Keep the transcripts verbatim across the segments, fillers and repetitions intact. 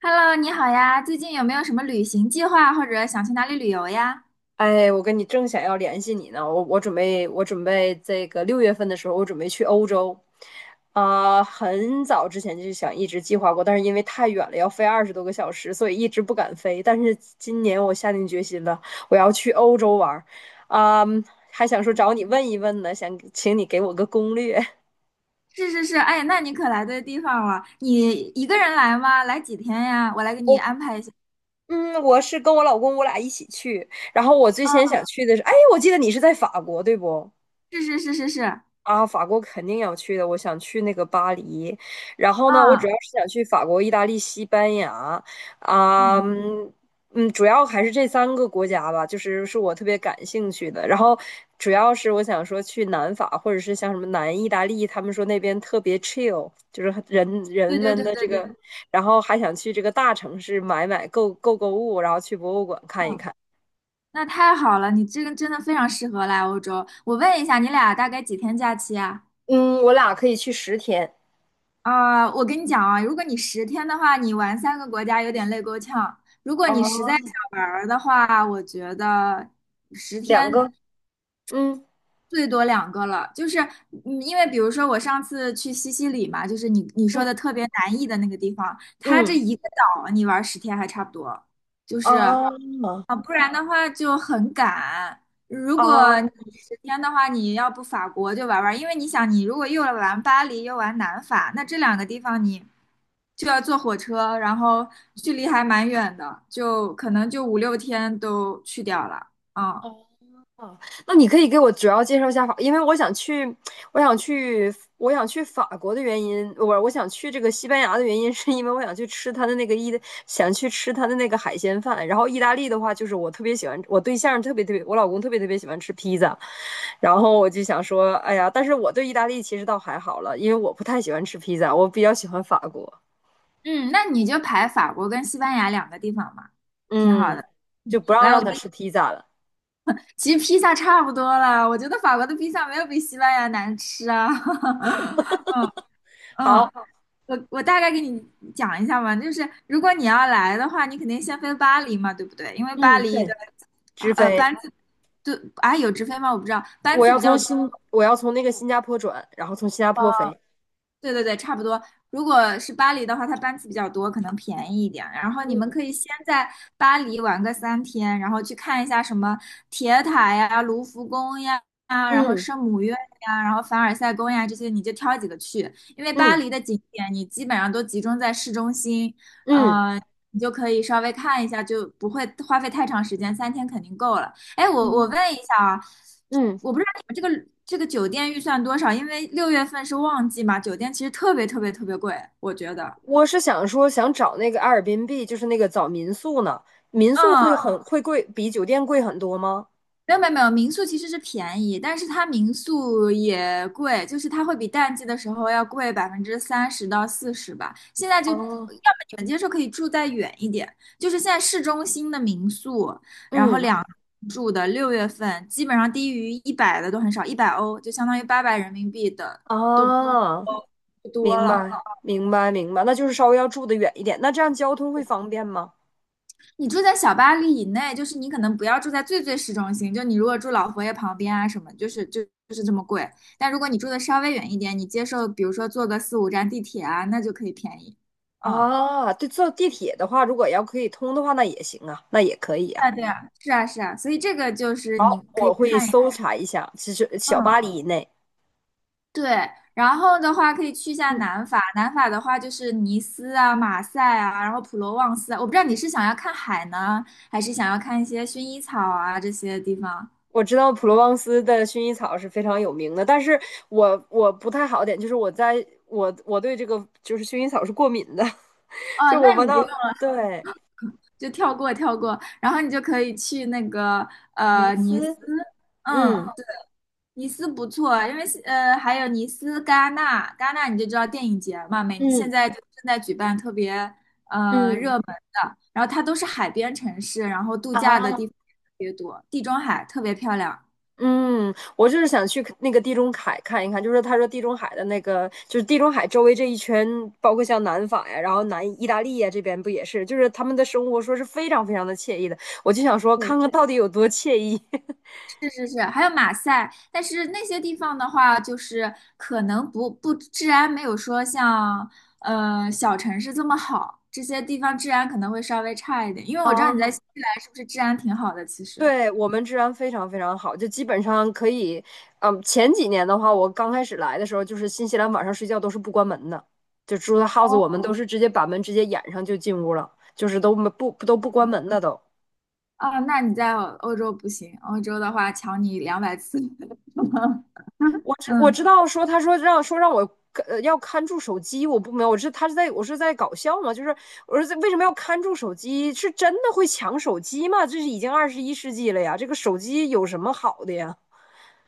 Hello，你好呀，最近有没有什么旅行计划，或者想去哪里旅游呀？哎，我跟你正想要联系你呢，我我准备我准备这个六月份的时候，我准备去欧洲。啊、很早之前就想一直计划过，但是因为太远了，要飞二十多个小时，所以一直不敢飞。但是今年我下定决心了，我要去欧洲玩儿。啊、还想说找你问一问呢，想请你给我个攻略。是是是，哎，那你可来对地方了。你一个人来吗？来几天呀？我来给你我安排一下。嗯，我是跟我老公我俩一起去，然后我最啊，先想去的是，哎，我记得你是在法国，对不？是是是是是，啊，法国肯定要去的，我想去那个巴黎，然后呢，我主啊，要是想去法国、意大利、西班牙。啊，嗯，嗯，嗯主要还是这三个国家吧，就是是我特别感兴趣的。然后主要是我想说去南法，或者是像什么南意大利，他们说那边特别 chill，就是很人人对对们对的对这对，个。然后还想去这个大城市买买购购购物，然后去博物馆看一嗯，看。那太好了，你这个真的非常适合来欧洲。我问一下，你俩大概几天假期啊？嗯，我俩可以去十天。啊，我跟你讲啊，如果你十天的话，你玩三个国家有点累够呛。如果你实在哦，想玩儿的话，我觉得十两天。个。嗯最多两个了，就是嗯，因为比如说我上次去西西里嘛，就是你你说的嗯特别南意的那个地方，它这嗯。一个岛你玩十天还差不多，就是啊啊，不然的话就很赶。如果哦你十天的话，你要不法国就玩玩，因为你想，你如果又玩巴黎又玩南法，那这两个地方你就要坐火车，然后距离还蛮远的，就可能就五六天都去掉了，嗯。哦，那你可以给我主要介绍一下法，因为我想去，我想去，我想去法国的原因，我我想去这个西班牙的原因，是因为我想去吃它的那个意大，想去吃它的那个海鲜饭。然后意大利的话，就是我特别喜欢，我对象特别特别，我老公特别特别喜欢吃披萨。然后我就想说，哎呀，但是我对意大利其实倒还好了，因为我不太喜欢吃披萨，我比较喜欢法国。嗯，那你就排法国跟西班牙两个地方嘛，挺好的。嗯，就嗯不让来，我让他给你，吃披萨了。其实披萨差不多了，我觉得法国的披萨没有比西班牙难吃啊。嗯嗯，好，我我大概给你讲一下吧，就是如果你要来的话，你肯定先飞巴黎嘛，对不对？因为巴嗯，黎的对，直呃飞。班次，对，啊有直飞吗？我不知道，班我次要比较从多，新，我要从那个新加坡转，然后从新加坡飞。对对对，差不多。如果是巴黎的话，它班次比较多，可能便宜一点。然后你们可以嗯先在巴黎玩个三天，然后去看一下什么铁塔呀、卢浮宫呀、然后嗯圣母院呀、然后凡尔赛宫呀这些，你就挑几个去。因为巴嗯黎的景点你基本上都集中在市中心，嗯呃，你就可以稍微看一下，就不会花费太长时间，三天肯定够了。哎，我我嗯问一下啊，嗯，这个酒店预算多少？因为六月份是旺季嘛，酒店其实特别特别特别贵，我觉得。我是想说，想找那个阿尔 r b 就是那个找民宿呢。民宿嗯，会很啊会贵，比酒店贵很多吗？没有没有没有，民宿其实是便宜，但是它民宿也贵，就是它会比淡季的时候要贵百分之三十到四十吧。现在就要么哦你们接受可以住再远一点，就是现在市中心的民宿，然后嗯两住的六月份基本上低于一百的都很少，一百欧就相当于八百人民币的都啊，都不多明了。白明白明白，那就是稍微要住的远一点。那这样交通会方便吗？你住在小巴黎以内，就是你可能不要住在最最市中心，就你如果住老佛爷旁边啊什么，就是就就是这么贵。但如果你住的稍微远一点，你接受比如说坐个四五站地铁啊，那就可以便宜。嗯，啊，对，坐地铁的话，如果要可以通的话，那也行啊，那也可以对啊。啊对啊，是啊是啊，所以这个就是你可以我会看一，搜查一下，其实小嗯，巴黎以内。对。然后的话可以去一下嗯。南法，南法的话就是尼斯啊、马赛啊，然后普罗旺斯啊。我不知道你是想要看海呢，还是想要看一些薰衣草啊这些地方。我知道普罗旺斯的薰衣草是非常有名的，但是我我不太好点，就是我在我我对这个就是薰衣草是过敏的。哦，就我那闻你不到。用。就跳过跳过，然后你就可以去那个呃尼斯，斯嗯嗯，对尼斯不错，因为呃还有尼斯、戛纳，戛纳你就知道电影节嘛，每现嗯在就正在举办特别呃热嗯门的，然后它都是海边城市，然后度假的啊，地方也特别多，地中海特别漂亮。嗯，我就是想去那个地中海看一看，就是他说地中海的那个，就是地中海周围这一圈，包括像南法呀，然后南意大利呀这边不也是，就是他们的生活说是非常非常的惬意的，我就想说对，看看到底有多惬意。是是是，还有马赛，但是那些地方的话，就是可能不不治安没有说像呃小城市这么好，这些地方治安可能会稍微差一点。因为我知道你在新 西兰是不是治安挺好的？其实对，我们治安非常非常好，就基本上可以。嗯，前几年的话，我刚开始来的时候，就是新西兰晚上睡觉都是不关门的，就住的 house，我们哦，都哦是直接把门直接掩上就进屋了，就是都没不都不关门的都。啊，那你在欧洲不行，欧洲的话抢你两百次。我知我嗯知道说他说让说让我呃要看住手机，我不明白，我是他是在我是在搞笑吗？就是我说这为什么要看住手机？是真的会抢手机吗？这是已经二十一世纪了呀，这个手机有什么好的呀？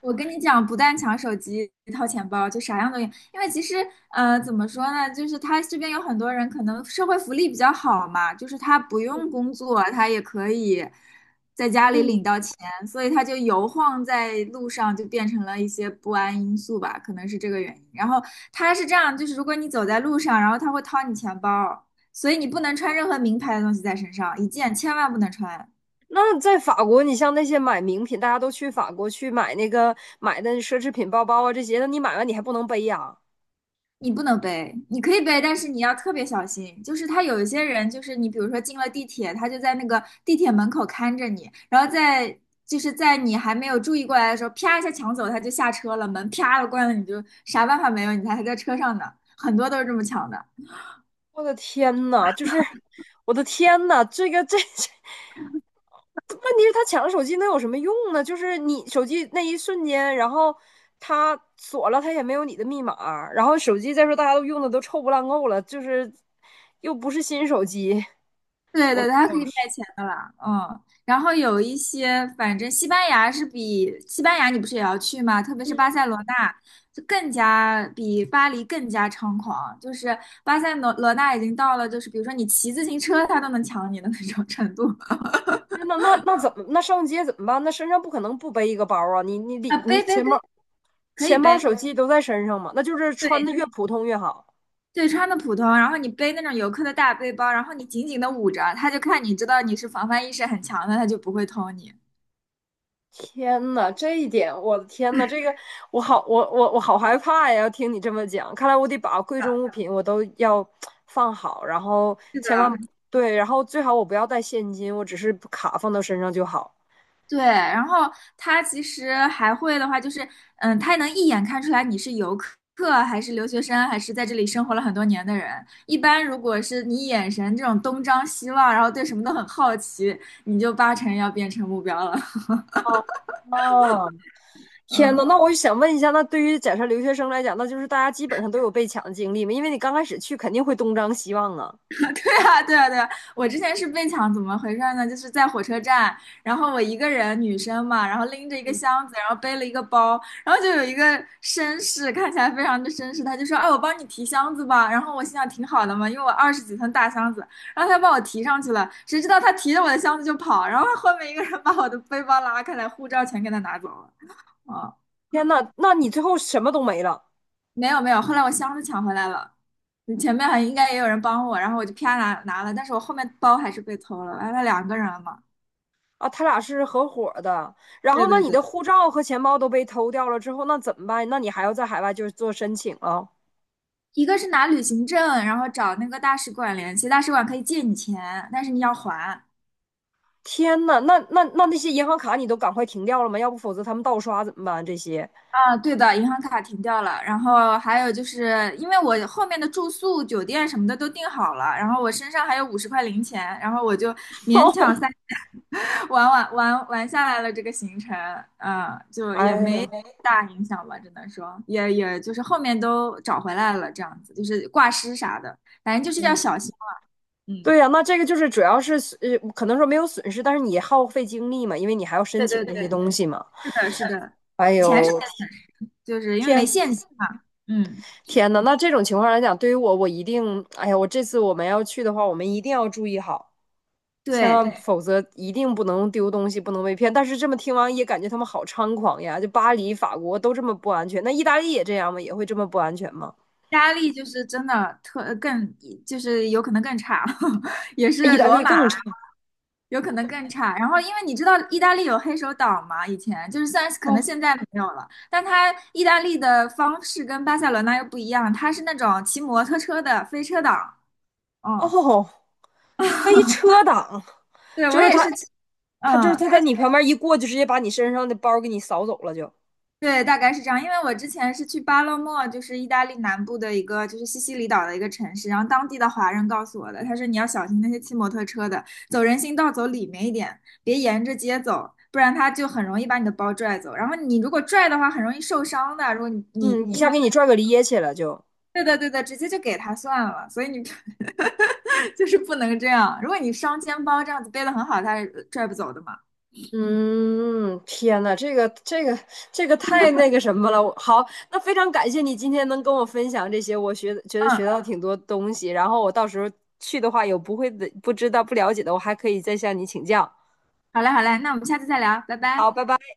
我跟你讲，不但抢手机、掏钱包，就啥样都有。因为其实，呃，怎么说呢，就是他这边有很多人可能社会福利比较好嘛，就是他不用工作，他也可以在家里嗯。领到钱，所以他就游晃在路上，就变成了一些不安因素吧，可能是这个原因。然后他是这样，就是如果你走在路上，然后他会掏你钱包，所以你不能穿任何名牌的东西在身上，一件千万不能穿。那在法国，你像那些买名品，大家都去法国去买那个买的奢侈品包包啊这些，那你买完你还不能背呀、你不能背，你可以背，但是你要特别小心。就是他有一些人，就是你比如说进了地铁，他就在那个地铁门口看着你，然后在就是在你还没有注意过来的时候，啪一下抢走，他就下车了，门啪的关了，你就啥办法没有，你还还在车上呢。很多都是这么抢的。我的天呐，就是我的天呐。这个这这，问题是他抢了手机能有什么用呢？就是你手机那一瞬间，然后他锁了，他也没有你的密码，然后手机再说大家都用的都臭不烂够了，就是又不是新手机。对我对，天它可以卖钱的啦，嗯，然后有一些，反正西班牙是比西班牙，你不是也要去吗？特别是巴塞罗那，就更加比巴黎更加猖狂，就是巴塞罗罗那已经到了，就是比如说你骑自行车，他都能抢你的那种程度。呐，那那那怎么那上街怎么办？那身上不可能不背一个包啊！你你里啊，你背背钱背，包可以钱包、背，手机都在身上嘛，那就是穿的对越普通越好。对，穿的普通，然后你背那种游客的大背包，然后你紧紧的捂着，他就看你知道你是防范意识很强的，他就不会偷你。天呐，这一点，我的天呐，这个我好，我我我好害怕呀！要听你这么讲，看来我得把贵重物品我都要放好，然后是千万的，对，然后最好我不要带现金，我只是卡放到身上就好。对，然后他其实还会的话，就是嗯，他能一眼看出来你是游客还是留学生，还是在这里生活了很多年的人。一般如果是你眼神这种东张西望，然后对什么都很好奇，你就八成要变成目标了。啊，天呐，那我就想问一下，那对于假设留学生来讲，那就是大家基本上都有被抢的经历嘛，因为你刚开始去肯定会东张西望啊。对啊，对啊，对啊！我之前是被抢，怎么回事呢？就是在火车站，然后我一个人，女生嘛，然后拎着一个嗯，箱子，然后背了一个包，然后就有一个绅士，看起来非常的绅士，他就说："哎，我帮你提箱子吧。"然后我心想挺好的嘛，因为我二十几寸大箱子，然后他帮我提上去了，谁知道他提着我的箱子就跑，然后后面一个人把我的背包拉开来，护照全给他拿走了。啊、天呐，那你最后什么都没了。没有没有，后来我箱子抢回来了，你前面还应该也有人帮我，然后我就啪拿拿了，但是我后面包还是被偷了，完了两个人了嘛。啊，他俩是合伙的。然后，对那对你对，的护照和钱包都被偷掉了之后，那怎么办？那你还要在海外就是做申请啊？一个是拿旅行证，然后找那个大使馆联系，大使馆可以借你钱，但是你要还。天呐，那那那那些银行卡你都赶快停掉了吗？要不否则他们盗刷怎么办？这些。啊，对的，银行卡停掉了，然后还有就是因为我后面的住宿、酒店什么的都订好了，然后我身上还有五十块零钱，然后我就勉强三 玩玩玩玩下来了这个行程，嗯，就也哎呀，没大影响吧，只能说也也就是后面都找回来了，这样子就是挂失啥的，反正就是要小心了。嗯，对呀、那这个就是主要是呃，可能说没有损失，但是你耗费精力嘛，因为你还要申对请对这对，些东西嘛。是的，是的，哎钱是呦，没就是因为没天现金嘛，嗯，天呐，那这种情况来讲，对于我，我一定，哎呀，我这次我们要去的话，我们一定要注意好。千对，万，对否则一定不能丢东西，不能被骗。但是这么听完也感觉他们好猖狂呀！就巴黎、法国都这么不安全，那意大利也这样吗？也会这么不安全吗？压力就是真的特呃更，就是有可能更差，也意是大罗利马更差。有可能更差。然后，因为你知道意大利有黑手党嘛，以前就是虽然可能现猖在没有了，但它意大利的方式跟巴塞罗那又不一样，它是那种骑摩托车的飞车党。哦嗯，哦，飞车党对，我就是也他，是骑，他就是嗯，他它在你旁边一过，就直接把你身上的包给你扫走了，就对，大概是这样。因为我之前是去巴勒莫，就是意大利南部的一个，就是西西里岛的一个城市。然后当地的华人告诉我的，他说你要小心那些骑摩托车的，走人行道走里面一点，别沿着街走，不然他就很容易把你的包拽走。然后你如果拽的话，很容易受伤的。如果你你嗯，一硬下拉，给你拽个趔趄了就。对的对的，直接就给他算了。所以你 就是不能这样。如果你双肩包这样子背的很好，他是拽不走的嘛。嗯，天呐，这个这个这个太那个什么了。我好，那非常感谢你今天能跟我分享这些，我学觉得嗯，学到挺多东西。然后我到时候去的话，有不会的、不知道、不了解的，我还可以再向你请教。好嘞好嘞，那我们下次再聊，拜拜。好，拜拜。